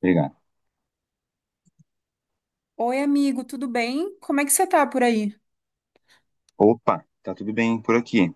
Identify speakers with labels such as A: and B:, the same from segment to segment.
A: Obrigado.
B: Oi, amigo, tudo bem? Como é que você tá por aí?
A: Opa, tá tudo bem por aqui,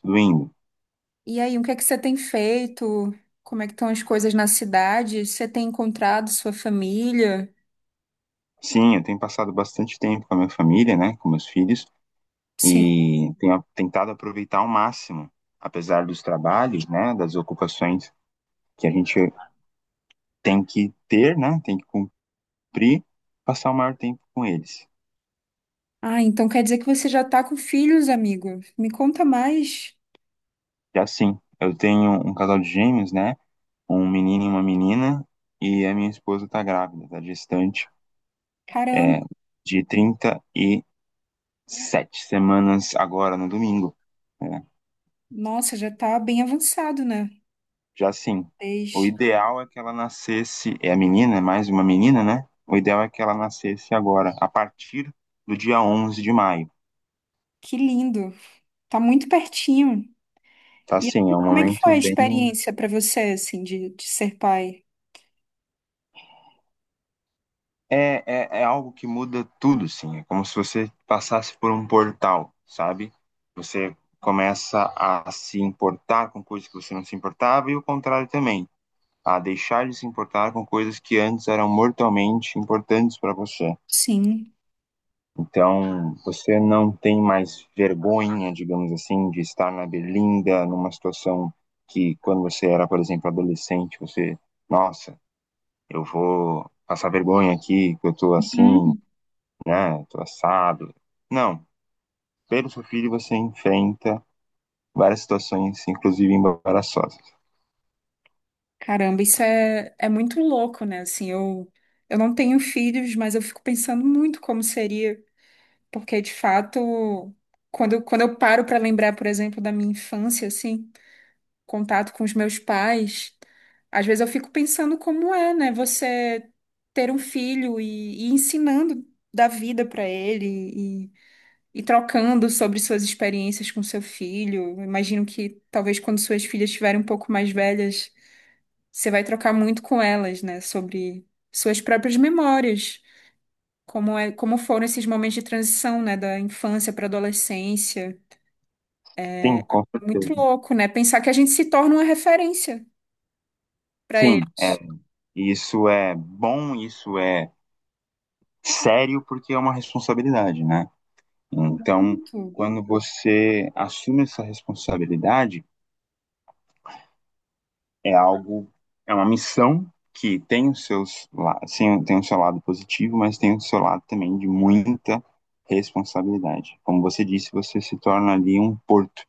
A: tudo indo.
B: E aí, o que é que você tem feito? Como é que estão as coisas na cidade? Você tem encontrado sua família?
A: Sim, eu tenho passado bastante tempo com a minha família, né, com meus filhos,
B: Sim.
A: e tenho tentado aproveitar ao máximo, apesar dos trabalhos, né, das ocupações que a gente tem que ter, né, tem que cumprir, passar o maior tempo com eles.
B: Ah, então quer dizer que você já tá com filhos, amigo? Me conta mais.
A: E assim, eu tenho um casal de gêmeos, né, um menino e uma menina, e a minha esposa tá grávida, tá gestante,
B: Caramba,
A: é, de 37 semanas agora no domingo. Né.
B: nossa, já tá bem avançado, né?
A: Já sim. O
B: Desde-
A: ideal é que ela nascesse, é a menina, é mais uma menina, né? O ideal é que ela nascesse agora, a partir do dia 11 de maio.
B: Que lindo. Tá muito pertinho.
A: Tá
B: E
A: sim é um
B: assim, como é que foi
A: momento
B: a
A: bem.
B: experiência pra você, assim, de ser pai?
A: É algo que muda tudo, sim. É como se você passasse por um portal, sabe? Você começa a se importar com coisas que você não se importava e o contrário também, a deixar de se importar com coisas que antes eram mortalmente importantes para você.
B: Sim.
A: Então, você não tem mais vergonha, digamos assim, de estar na Berlinda, numa situação que, quando você era, por exemplo, adolescente, você, nossa, eu vou passar vergonha aqui, que eu tô assim,
B: Uhum.
A: né, tô assado. Não, pelo seu filho você enfrenta várias situações, inclusive embaraçosas.
B: Caramba, isso é muito louco, né? Assim, eu não tenho filhos, mas eu fico pensando muito como seria, porque de fato, quando eu paro para lembrar, por exemplo, da minha infância, assim, contato com os meus pais, às vezes eu fico pensando como é, né? Você ter um filho e ensinando da vida para ele e, e trocando sobre suas experiências com seu filho. Eu imagino que talvez quando suas filhas estiverem um pouco mais velhas. Você vai trocar muito com elas, né, sobre suas próprias memórias, como é, como foram esses momentos de transição, né, da infância para adolescência.
A: Sim, com
B: É muito
A: certeza.
B: louco, né? Pensar que a gente se torna uma referência para
A: Sim, é.
B: eles.
A: Isso é bom, isso é sério, porque é uma responsabilidade, né? Então,
B: Muito.
A: quando você assume essa responsabilidade, é algo, é uma missão que tem os seus, sim, tem o seu lado positivo, mas tem o seu lado também de muita responsabilidade. Como você disse, você se torna ali um porto,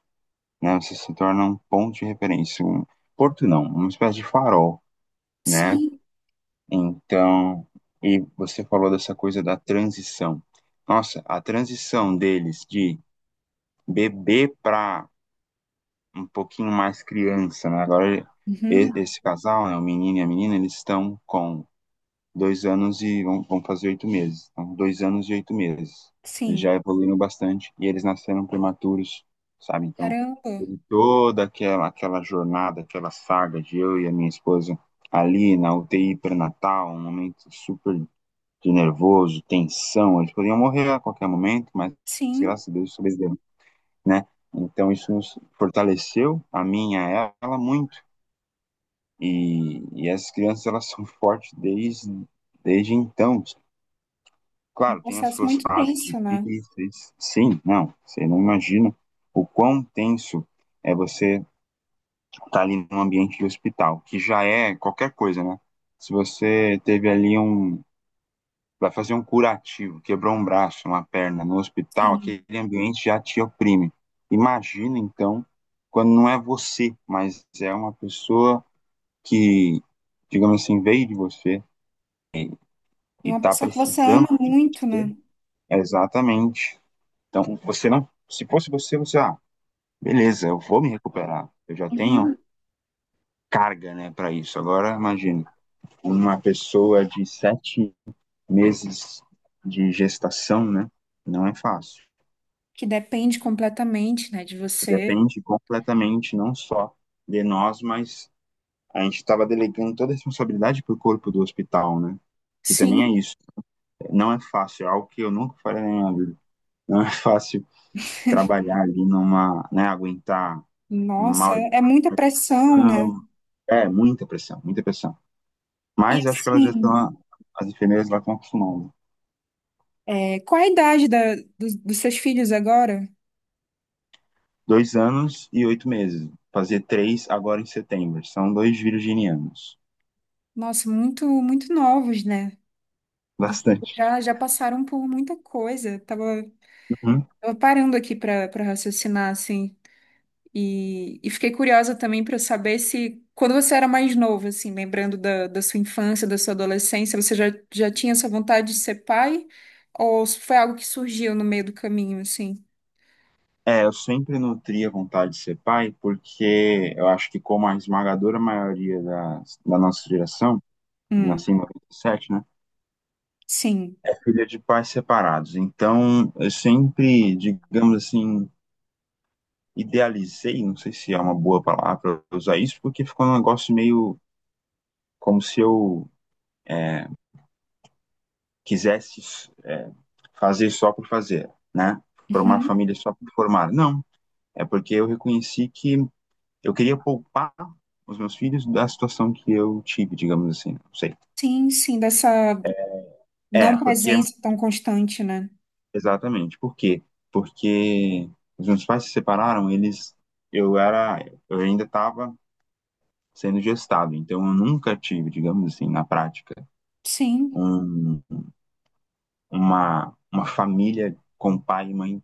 A: né? Você se torna um ponto de referência, um porto não, uma espécie de farol, né?
B: Sim.
A: Então, e você falou dessa coisa da transição. Nossa, a transição deles de bebê para um pouquinho mais criança, né? Agora
B: Uhum.
A: esse casal, né, o menino e a menina, eles estão com 2 anos e vão fazer 8 meses. Então, 2 anos e 8 meses. Eles já
B: Sim.
A: evoluíram bastante e eles nasceram prematuros, sabe? Então,
B: Caramba.
A: teve toda aquela jornada, aquela saga de eu e a minha esposa ali na UTI pré-natal, um momento super de nervoso, tensão. Eles podiam morrer a qualquer momento, mas
B: Sim.
A: graças a Deus sobreviveram, né? Então isso nos fortaleceu, a mim, a ela, muito. E essas crianças, elas são fortes desde então.
B: Um
A: Claro, tem as
B: processo
A: suas
B: muito
A: fases
B: tenso, né?
A: difíceis. Sim, não, você não imagina o quão tenso é você estar tá ali num ambiente de hospital, que já é qualquer coisa, né? Se você teve ali um, Vai fazer um curativo, quebrou um braço, uma perna no hospital,
B: Sim.
A: aquele ambiente já te oprime. Imagina, então, quando não é você, mas é uma pessoa que, digamos assim, veio de você
B: E
A: e
B: uma
A: está
B: pessoa que você ama
A: precisando de
B: muito,
A: você.
B: né?
A: Exatamente. Então, você não. Se fosse você, você, ah, beleza, eu vou me recuperar. Eu já tenho
B: Uhum.
A: carga, né, para isso. Agora, imagina, uma pessoa de 7 meses de gestação, né? Não é fácil.
B: Que depende completamente, né, de você.
A: Depende completamente, não só de nós, mas a gente estava delegando toda a responsabilidade para o corpo do hospital, né? Que
B: Sim.
A: também é isso. Não é fácil, é algo que eu nunca farei na minha vida. Não é fácil trabalhar ali numa, né, aguentar um
B: Nossa,
A: mal
B: é muita pressão, né?
A: educação. É, muita pressão, muita pressão.
B: E
A: Mas acho que elas já
B: assim,
A: estão, as enfermeiras lá estão acostumadas.
B: é, qual a idade dos seus filhos agora?
A: 2 anos e 8 meses. Fazer três agora em setembro. São dois virginianos.
B: Nossa, muito, muito novos, né? E
A: Bastante.
B: já passaram por muita coisa. Tava,
A: Uhum.
B: tava parando aqui para raciocinar, assim. E fiquei curiosa também para saber se, quando você era mais novo, assim, lembrando da sua infância, da sua adolescência, já tinha essa vontade de ser pai? Ou se foi algo que surgiu no meio do caminho, assim?
A: É, eu sempre nutri a vontade de ser pai, porque eu acho que, como a esmagadora maioria da nossa geração, eu
B: Hum,
A: nasci em 97, né,
B: sim.
A: é filha de pais separados. Então, eu sempre, digamos assim, idealizei, não sei se é uma boa palavra usar isso, porque ficou um negócio meio como se eu é, quisesse fazer só por fazer, né? Formar
B: Uhum.
A: família só por formar. Não, é porque eu reconheci que eu queria poupar os meus filhos da situação que eu tive, digamos assim, não sei.
B: Sim, sim, dessa
A: É,
B: não
A: porque,
B: presença tão constante, né?
A: exatamente, por quê? Porque os meus pais se separaram, eles, eu era, eu ainda estava sendo gestado, então eu nunca tive, digamos assim, na prática,
B: Sim.
A: um, uma família com pai e mãe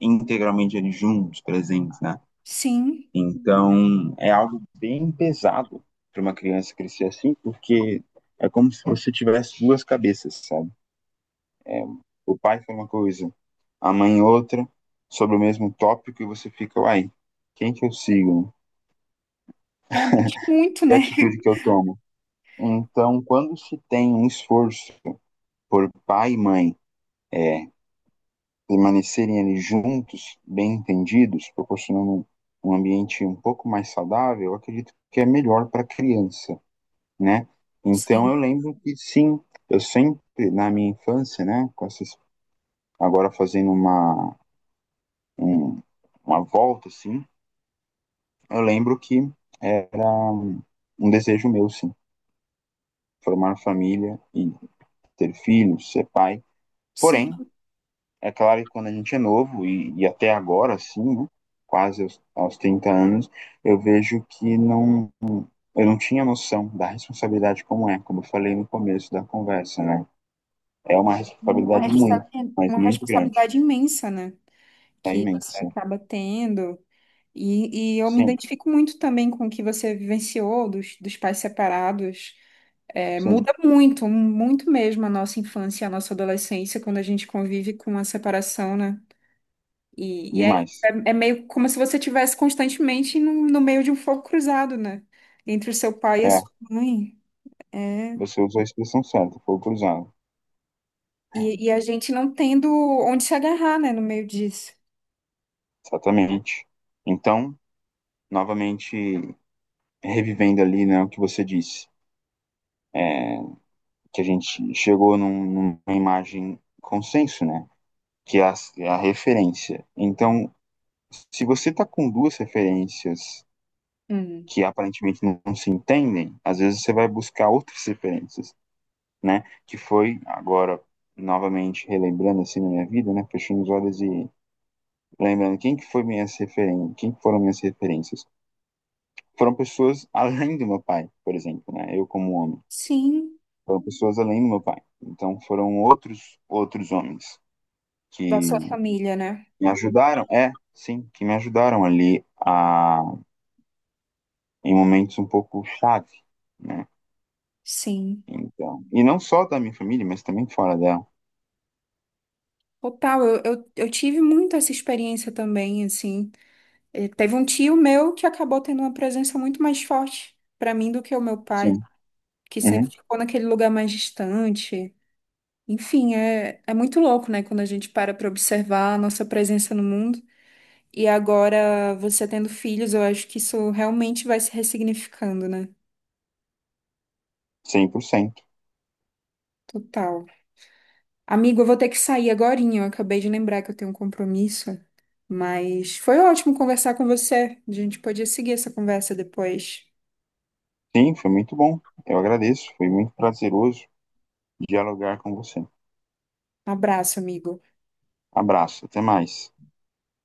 A: integralmente ali juntos, presentes, né?
B: Sim,
A: Então, é algo bem pesado para uma criança crescer assim, porque é como se você tivesse duas cabeças, sabe? é, o pai foi uma coisa, a mãe outra, sobre o mesmo tópico, e você fica, uai, quem que eu sigo?
B: é mexe muito,
A: Que
B: né?
A: atitude que eu tomo? Então, quando se tem um esforço por pai e mãe é, permanecerem ali juntos, bem entendidos, proporcionando um ambiente um pouco mais saudável, eu acredito que é melhor para a criança, né? Então
B: Sim,
A: eu lembro que sim, eu sempre na minha infância, né, com essas, agora fazendo um, uma volta assim, eu lembro que era um desejo meu, sim, formar família e ter filhos, ser pai.
B: sim.
A: Porém, é claro que, quando a gente é novo, e até agora, sim, né, quase aos, 30 anos, eu vejo que não, eu não tinha noção da responsabilidade como eu falei no começo da conversa, né? É uma
B: Uma
A: responsabilidade
B: responsa-
A: muito, mas
B: uma
A: muito grande,
B: responsabilidade imensa, né?
A: é
B: Que você
A: imensa.
B: acaba tendo. E eu me
A: Sim,
B: identifico muito também com o que você vivenciou dos pais separados. É,
A: sim,
B: muda muito, muito mesmo a nossa infância, a nossa adolescência, quando a gente convive com a separação, né? E é, isso,
A: demais.
B: é, é meio como se você tivesse constantemente no meio de um fogo cruzado, né? Entre o seu pai e a
A: É,
B: sua mãe. É,
A: você usou a expressão certa, foi cruzado.
B: E, e a gente não tendo onde se agarrar, né, no meio disso.
A: Exatamente. Então, novamente revivendo ali, né, o que você disse, que a gente chegou numa imagem consenso, né? Que é a referência. Então, se você está com duas referências
B: Hum.
A: que aparentemente não, não se entendem, às vezes você vai buscar outras referências, né? Que foi agora, novamente, relembrando assim na minha vida, né? Fechando os olhos e lembrando quem que foi minhas referências, quem que foram minhas referências. Foram pessoas além do meu pai, por exemplo, né? Eu como homem.
B: Sim,
A: Foram pessoas além do meu pai. Então foram outros homens
B: da
A: que
B: sua família, né?
A: me ajudaram, é, sim, que me ajudaram ali a em momentos um pouco chave, né?
B: Sim.
A: Então, e não só da minha família, mas também fora dela.
B: Total, eu tive muito essa experiência também, assim. Teve um tio meu que acabou tendo uma presença muito mais forte pra mim do que o meu pai,
A: Sim.
B: que sempre
A: Uhum.
B: ficou naquele lugar mais distante. Enfim, é, é muito louco, né, quando a gente para pra observar a nossa presença no mundo. E agora, você tendo filhos, eu acho que isso realmente vai se ressignificando, né?
A: 100%.
B: Total. Amigo, eu vou ter que sair agorinha. Eu acabei de lembrar que eu tenho um compromisso, mas foi ótimo conversar com você. A gente podia seguir essa conversa depois.
A: Sim, foi muito bom. Eu agradeço, foi muito prazeroso dialogar com você.
B: Um abraço, amigo.
A: Abraço, até mais.